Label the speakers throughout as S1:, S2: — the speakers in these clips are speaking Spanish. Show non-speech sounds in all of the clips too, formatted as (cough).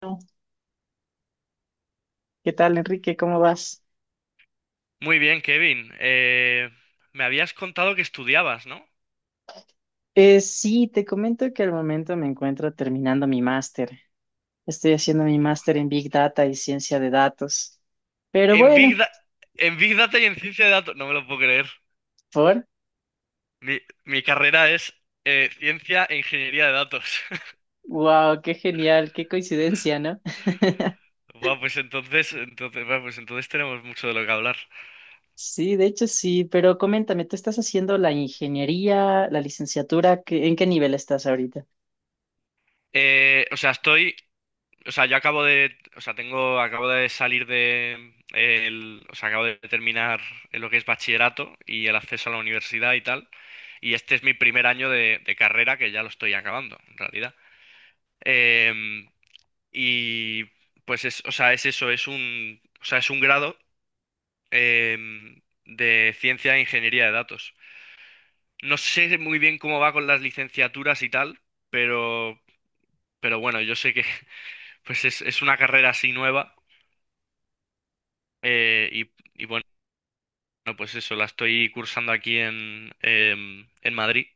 S1: Bueno, ¿qué tal, Enrique? ¿Cómo vas?
S2: Muy bien, Kevin. Me habías contado que estudiabas, ¿no?
S1: Sí, te comento que al momento me encuentro terminando mi máster. Estoy haciendo mi
S2: Buah.
S1: máster en Big Data y ciencia de datos. Pero
S2: En
S1: bueno,
S2: Big Da- en Big Data y en ciencia de datos. No me lo puedo creer.
S1: por...
S2: Mi, mi carrera es ciencia e ingeniería de datos.
S1: ¡Wow! ¡Qué genial! ¡Qué coincidencia! ¿No? (laughs)
S2: (laughs) Buah, pues entonces tenemos mucho de lo que hablar.
S1: Sí, de hecho sí, pero coméntame, ¿tú estás haciendo la ingeniería, la licenciatura? ¿En qué nivel estás ahorita?
S2: O sea, estoy. O sea, yo acabo de. O sea, tengo. Acabo de salir de. El- o sea, Acabo de terminar lo que es bachillerato y el acceso a la universidad y tal. Y este es mi primer año de carrera que ya lo estoy acabando, en realidad. Em, y pues es eso, es un grado em, de ciencia e ingeniería de datos. No sé muy bien cómo va con las licenciaturas y tal, pero, pero bueno, yo sé que (laughs) es una carrera así nueva y bueno, pues eso, la estoy cursando aquí en Madrid.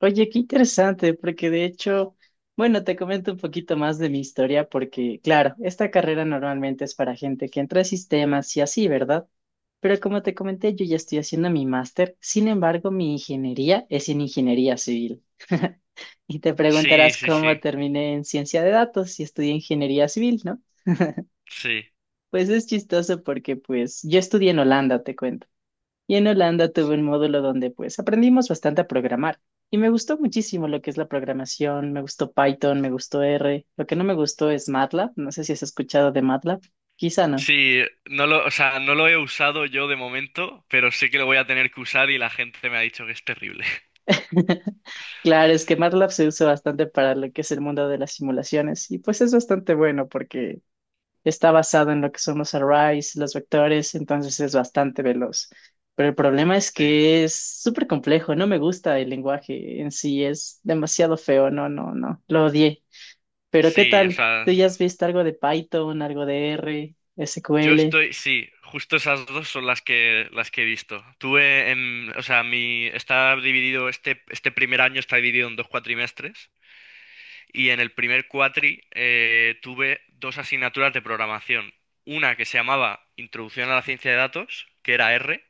S1: Oye, qué interesante, porque de hecho, bueno, te comento un poquito más de mi historia, porque claro, esta carrera normalmente es para gente que entra a sistemas y así, ¿verdad? Pero como te comenté, yo ya estoy haciendo mi máster, sin embargo, mi ingeniería es en ingeniería civil. (laughs) Y te
S2: Sí,
S1: preguntarás
S2: sí, sí,
S1: cómo terminé en ciencia de datos y estudié ingeniería civil, ¿no?
S2: sí.
S1: Pues es chistoso porque pues yo estudié en Holanda, te cuento. Y en Holanda tuve un módulo donde pues aprendimos bastante a programar y me gustó muchísimo lo que es la programación, me gustó Python, me gustó R, lo que no me gustó es MATLAB, no sé si has escuchado de MATLAB, quizá no.
S2: No lo he usado yo de momento, pero sé que lo voy a tener que usar y la gente me ha dicho que es terrible. (laughs)
S1: (laughs) Claro, es que MATLAB se usa bastante para lo que es el mundo de las simulaciones y pues es bastante bueno porque está basado en lo que son los arrays, los vectores, entonces es bastante veloz. Pero el problema es
S2: Sí.
S1: que es súper complejo, no me gusta el lenguaje en sí, es demasiado feo, no, no, no, lo odié. Pero ¿qué
S2: Sí, o
S1: tal?
S2: sea,
S1: ¿Tú ya has visto algo de Python, algo de R, SQL?
S2: Justo esas dos son las que he visto. Tuve en, o sea, mi está dividido este este primer año está dividido en dos cuatrimestres y en el primer cuatri tuve dos asignaturas de programación. Una que se llamaba Introducción a la ciencia de datos, que era R,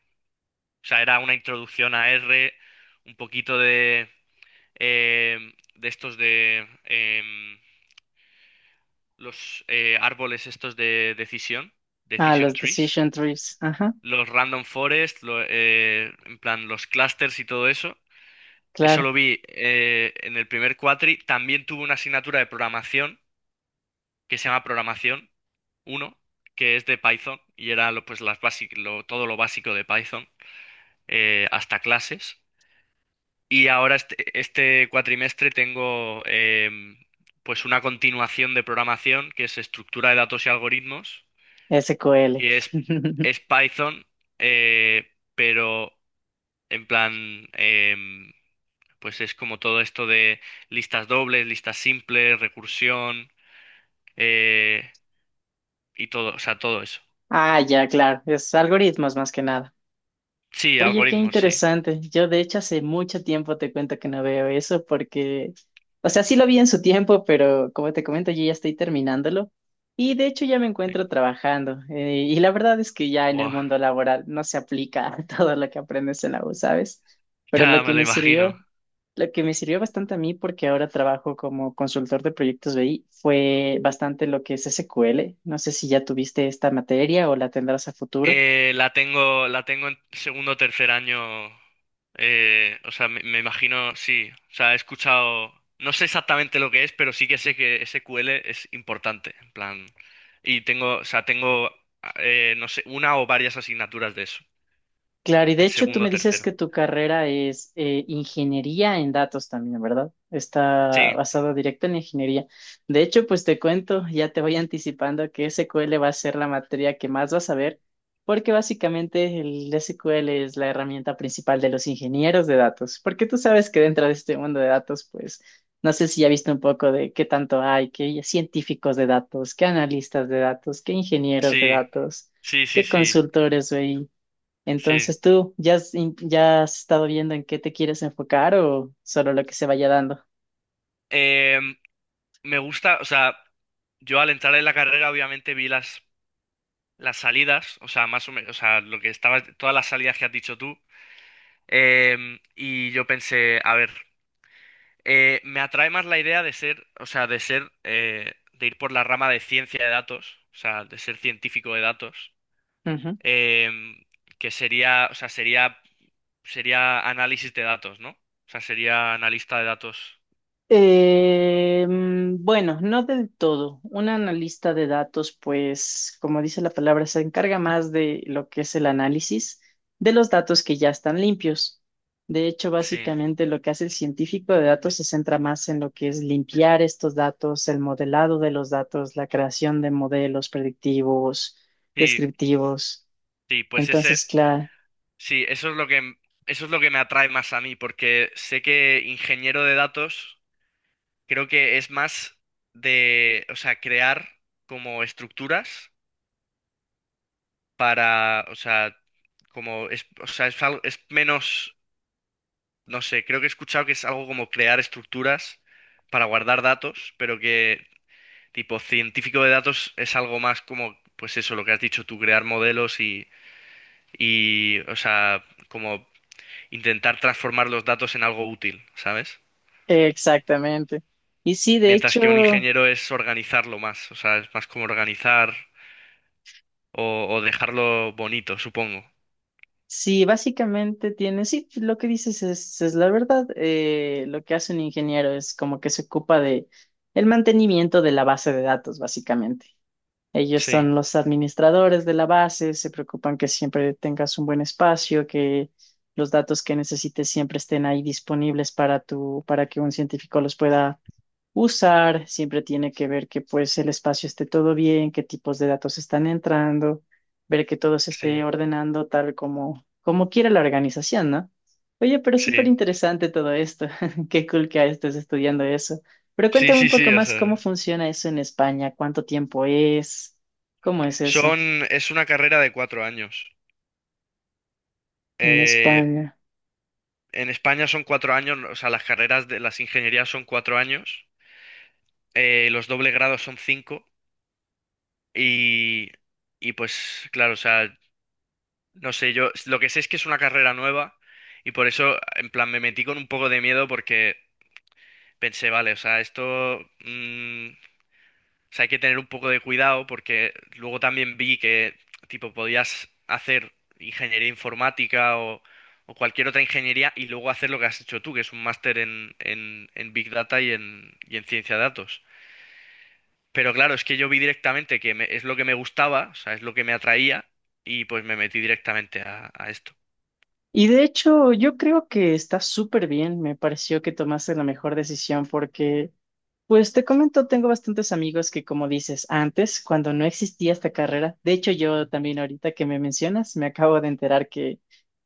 S2: o sea, era una introducción a R, un poquito de em, de estos de em, los árboles estos de decisión,
S1: Ah,
S2: decision
S1: los
S2: trees,
S1: decision trees. Ajá,
S2: los random forest, en plan los clusters y todo eso. Eso
S1: claro,
S2: lo vi en el primer cuatri. También tuve una asignatura de programación que se llama programación uno, que es de Python y era lo, pues todo lo básico de Python hasta clases. Y este cuatrimestre tengo pues una continuación de programación que es estructura de datos y algoritmos
S1: SQL.
S2: y
S1: (laughs)
S2: es Python, eh, pero en plan, em, pues es como todo esto de listas dobles, listas simples, recursión eh, y todo, o sea, todo eso.
S1: Ah, ya, claro, es algoritmos más que nada.
S2: Sí,
S1: Oye, qué
S2: algoritmos, sí.
S1: interesante. Yo de hecho hace mucho tiempo te cuento que no veo eso porque, o sea, sí lo vi en su tiempo, pero como te comento, yo ya estoy terminándolo y de hecho ya me
S2: Sí.
S1: encuentro trabajando. Y la verdad es que ya en el
S2: Buah,
S1: mundo laboral no se aplica (laughs) todo lo que aprendes en la U, ¿sabes?
S2: (laughs)
S1: Pero lo
S2: ya me
S1: que
S2: lo
S1: me
S2: imagino.
S1: sirvió, lo que me sirvió bastante a mí porque ahora trabajo como consultor de proyectos BI, fue bastante lo que es SQL. No sé si ya tuviste esta materia o la tendrás a futuro.
S2: La tengo en segundo o tercer año. Me imagino, sí. O sea, he escuchado. No sé exactamente lo que es, pero sí que sé que SQL es importante. En plan. Y tengo, o sea, tengo, no sé, una o varias asignaturas de eso.
S1: Claro, y de
S2: En
S1: hecho tú
S2: segundo
S1: me
S2: o
S1: dices
S2: tercero.
S1: que tu carrera es ingeniería en datos también, ¿verdad? Está
S2: Sí,
S1: basada directo en ingeniería. De hecho, pues te cuento, ya te voy anticipando que SQL va a ser la materia que más vas a ver, porque básicamente el SQL es la herramienta principal de los ingenieros de datos, porque tú sabes que dentro de este mundo de datos, pues no sé si ya viste un poco de qué tanto hay, que hay científicos de datos, qué analistas de datos, qué ingenieros de
S2: sí,
S1: datos,
S2: sí, sí,
S1: qué
S2: sí,
S1: consultores, güey.
S2: sí.
S1: Entonces, ¿tú ya has, ya has estado viendo en qué te quieres enfocar o solo lo que se vaya dando?
S2: Em, Me gusta, o sea, yo al entrar en la carrera obviamente las salidas, o sea, más o menos, o sea, lo que estaba, todas las salidas que has dicho tú. Y yo pensé, a ver, me atrae más la idea de ser, o sea, de ser, de ir por la rama de ciencia de datos, o sea, de ser científico de datos,
S1: Ujú.
S2: em, que sería análisis de datos, ¿no? O sea, sería analista de datos.
S1: Bueno, no del todo. Un analista de datos, pues, como dice la palabra, se encarga más de lo que es el análisis de los datos que ya están limpios. De hecho,
S2: Sí,
S1: básicamente lo que hace el científico de datos se centra más en lo que es limpiar estos datos, el modelado de los datos, la creación de modelos predictivos,
S2: sí,
S1: descriptivos.
S2: sí,
S1: Entonces, claro,
S2: eso es lo que, eso es lo que me atrae más a mí, porque sé que ingeniero de datos creo que es más crear como estructuras para, o sea, como es, o sea, es, al- es menos, no sé, creo que he escuchado que es algo como crear estructuras para guardar datos, pero que tipo científico de datos es algo más como, pues eso, lo que has dicho tú, crear modelos como intentar transformar los datos en algo útil, ¿sabes?
S1: exactamente. Y sí, de
S2: Mientras que un
S1: hecho,
S2: ingeniero es organizarlo más, o sea, es más como organizar o dejarlo bonito, supongo.
S1: sí, básicamente tiene, sí, pues, lo que dices es la verdad. Lo que hace un ingeniero es como que se ocupa de el mantenimiento de la base de datos, básicamente. Ellos
S2: Sí,
S1: son los administradores de la base, se preocupan que siempre tengas un buen espacio, que los datos que necesites siempre estén ahí disponibles para tu, para que un científico los pueda usar, siempre tiene que ver que pues el espacio esté todo bien, qué tipos de datos están entrando, ver que todo se
S2: sí,
S1: esté ordenando tal como, como quiera la organización, ¿no? Oye, pero es súper
S2: sí,
S1: interesante todo esto. (laughs) Qué cool que estés estudiando eso. Pero
S2: sí,
S1: cuéntame un
S2: sí,
S1: poco
S2: sí, o
S1: más cómo
S2: sea.
S1: funciona eso en España, cuánto tiempo es, cómo es eso
S2: Es una carrera de 4 años.
S1: en
S2: Eh,
S1: España.
S2: en España son 4 años, o sea, las carreras de las ingenierías son 4 años, los doble grados son cinco y, y pues claro, o sea, no sé, yo lo que sé es que es una carrera nueva y por eso, en plan, me metí con un poco de miedo porque pensé, vale, o sea, o sea, hay que tener un poco de cuidado porque luego también vi que, tipo, podías hacer ingeniería informática o cualquier otra ingeniería y luego hacer lo que has hecho tú, que es un máster en Big Data y en ciencia de datos. Pero claro, es que yo vi directamente es lo que me gustaba, o sea, es lo que me atraía y pues me metí directamente a esto.
S1: Y de hecho, yo creo que está súper bien. Me pareció que tomaste la mejor decisión porque pues te comento, tengo bastantes amigos que, como dices, antes, cuando no existía esta carrera, de hecho yo también ahorita que me mencionas, me acabo de enterar que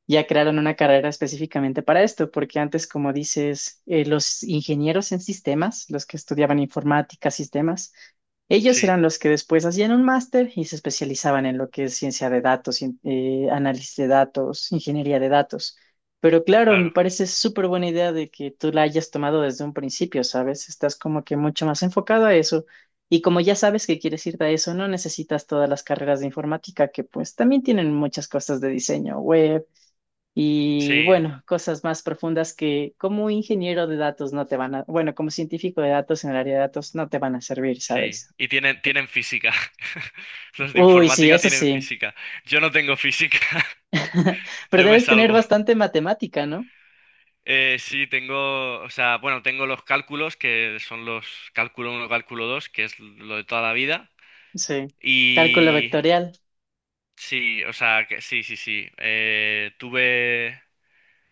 S1: ya crearon una carrera específicamente para esto, porque antes, como dices, los ingenieros en sistemas, los que estudiaban informática, sistemas, ellos
S2: Sí,
S1: eran los que después hacían un máster y se especializaban en lo que es ciencia de datos, análisis de datos, ingeniería de datos. Pero claro, me
S2: claro,
S1: parece súper buena idea de que tú la hayas tomado desde un principio, ¿sabes? Estás como que mucho más enfocado a eso. Y como ya sabes que quieres irte a eso, no necesitas todas las carreras de informática, que pues también tienen muchas cosas de diseño web y
S2: sí,
S1: bueno, cosas más profundas que como ingeniero de datos no te van a, bueno, como científico de datos en el área de datos no te van a servir,
S2: sí.
S1: ¿sabes?
S2: Y tienen física. (laughs) Los de
S1: Uy, sí,
S2: informática
S1: eso
S2: tienen
S1: sí.
S2: física. Yo no tengo física,
S1: (laughs)
S2: (laughs)
S1: Pero
S2: yo me
S1: debes tener
S2: salvo.
S1: bastante matemática, ¿no?
S2: Sí, tengo, o sea, bueno, tengo los cálculos, que son los cálculo uno, cálculo 2, que es lo de toda la vida.
S1: Sí. Cálculo
S2: Y
S1: vectorial.
S2: sí, sí, sí. Tuve,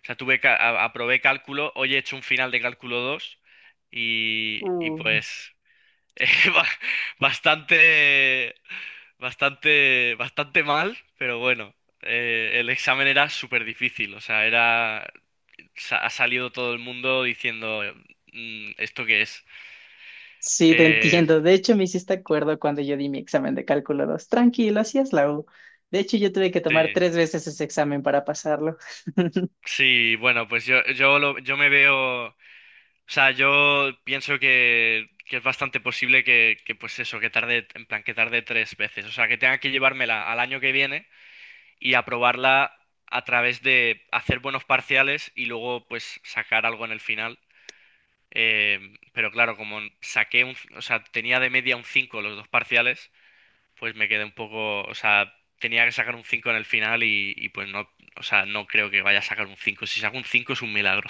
S2: o sea, tuve, ca- a- Aprobé cálculo, hoy he hecho un final de cálculo 2 y
S1: Uh.
S2: pues (laughs) eh, ba- bastante, bastante mal, pero bueno, el examen era súper difícil, o sea, ha salido todo el mundo diciendo, mm, ¿esto qué es?
S1: Sí, te
S2: Eh,
S1: entiendo. De hecho, me hiciste acuerdo cuando yo di mi examen de cálculo 2. Tranquilo, así es la U. De hecho, yo tuve que tomar
S2: sí,
S1: tres veces ese examen para pasarlo. (laughs)
S2: sí, bueno, pues yo me veo, o sea, yo pienso que es bastante posible pues eso, que tarde 3 veces, o sea, que tenga que llevármela al año que viene y aprobarla a través de hacer buenos parciales y luego, pues, sacar algo en el final. Pero claro, como saqué un, o sea, tenía de media un 5 los dos parciales, pues me quedé un poco, o sea, tenía que sacar un 5 en el final y pues no, o sea, no creo que vaya a sacar un cinco. Si saco un 5 es un milagro.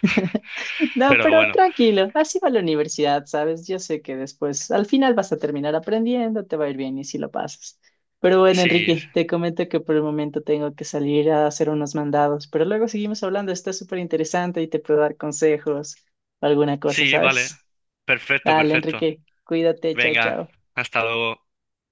S1: (laughs) No,
S2: Pero
S1: pero
S2: bueno,
S1: tranquilo, así va la universidad, ¿sabes? Yo sé que después, al final vas a terminar aprendiendo, te va a ir bien y si lo pasas. Pero bueno,
S2: sí,
S1: Enrique, te comento que por el momento tengo que salir a hacer unos mandados, pero luego seguimos hablando, está súper interesante y te puedo dar consejos o alguna cosa,
S2: sí, vale.
S1: ¿sabes?
S2: Perfecto,
S1: Dale,
S2: perfecto.
S1: Enrique, cuídate, chao,
S2: Venga,
S1: chao.
S2: hasta luego.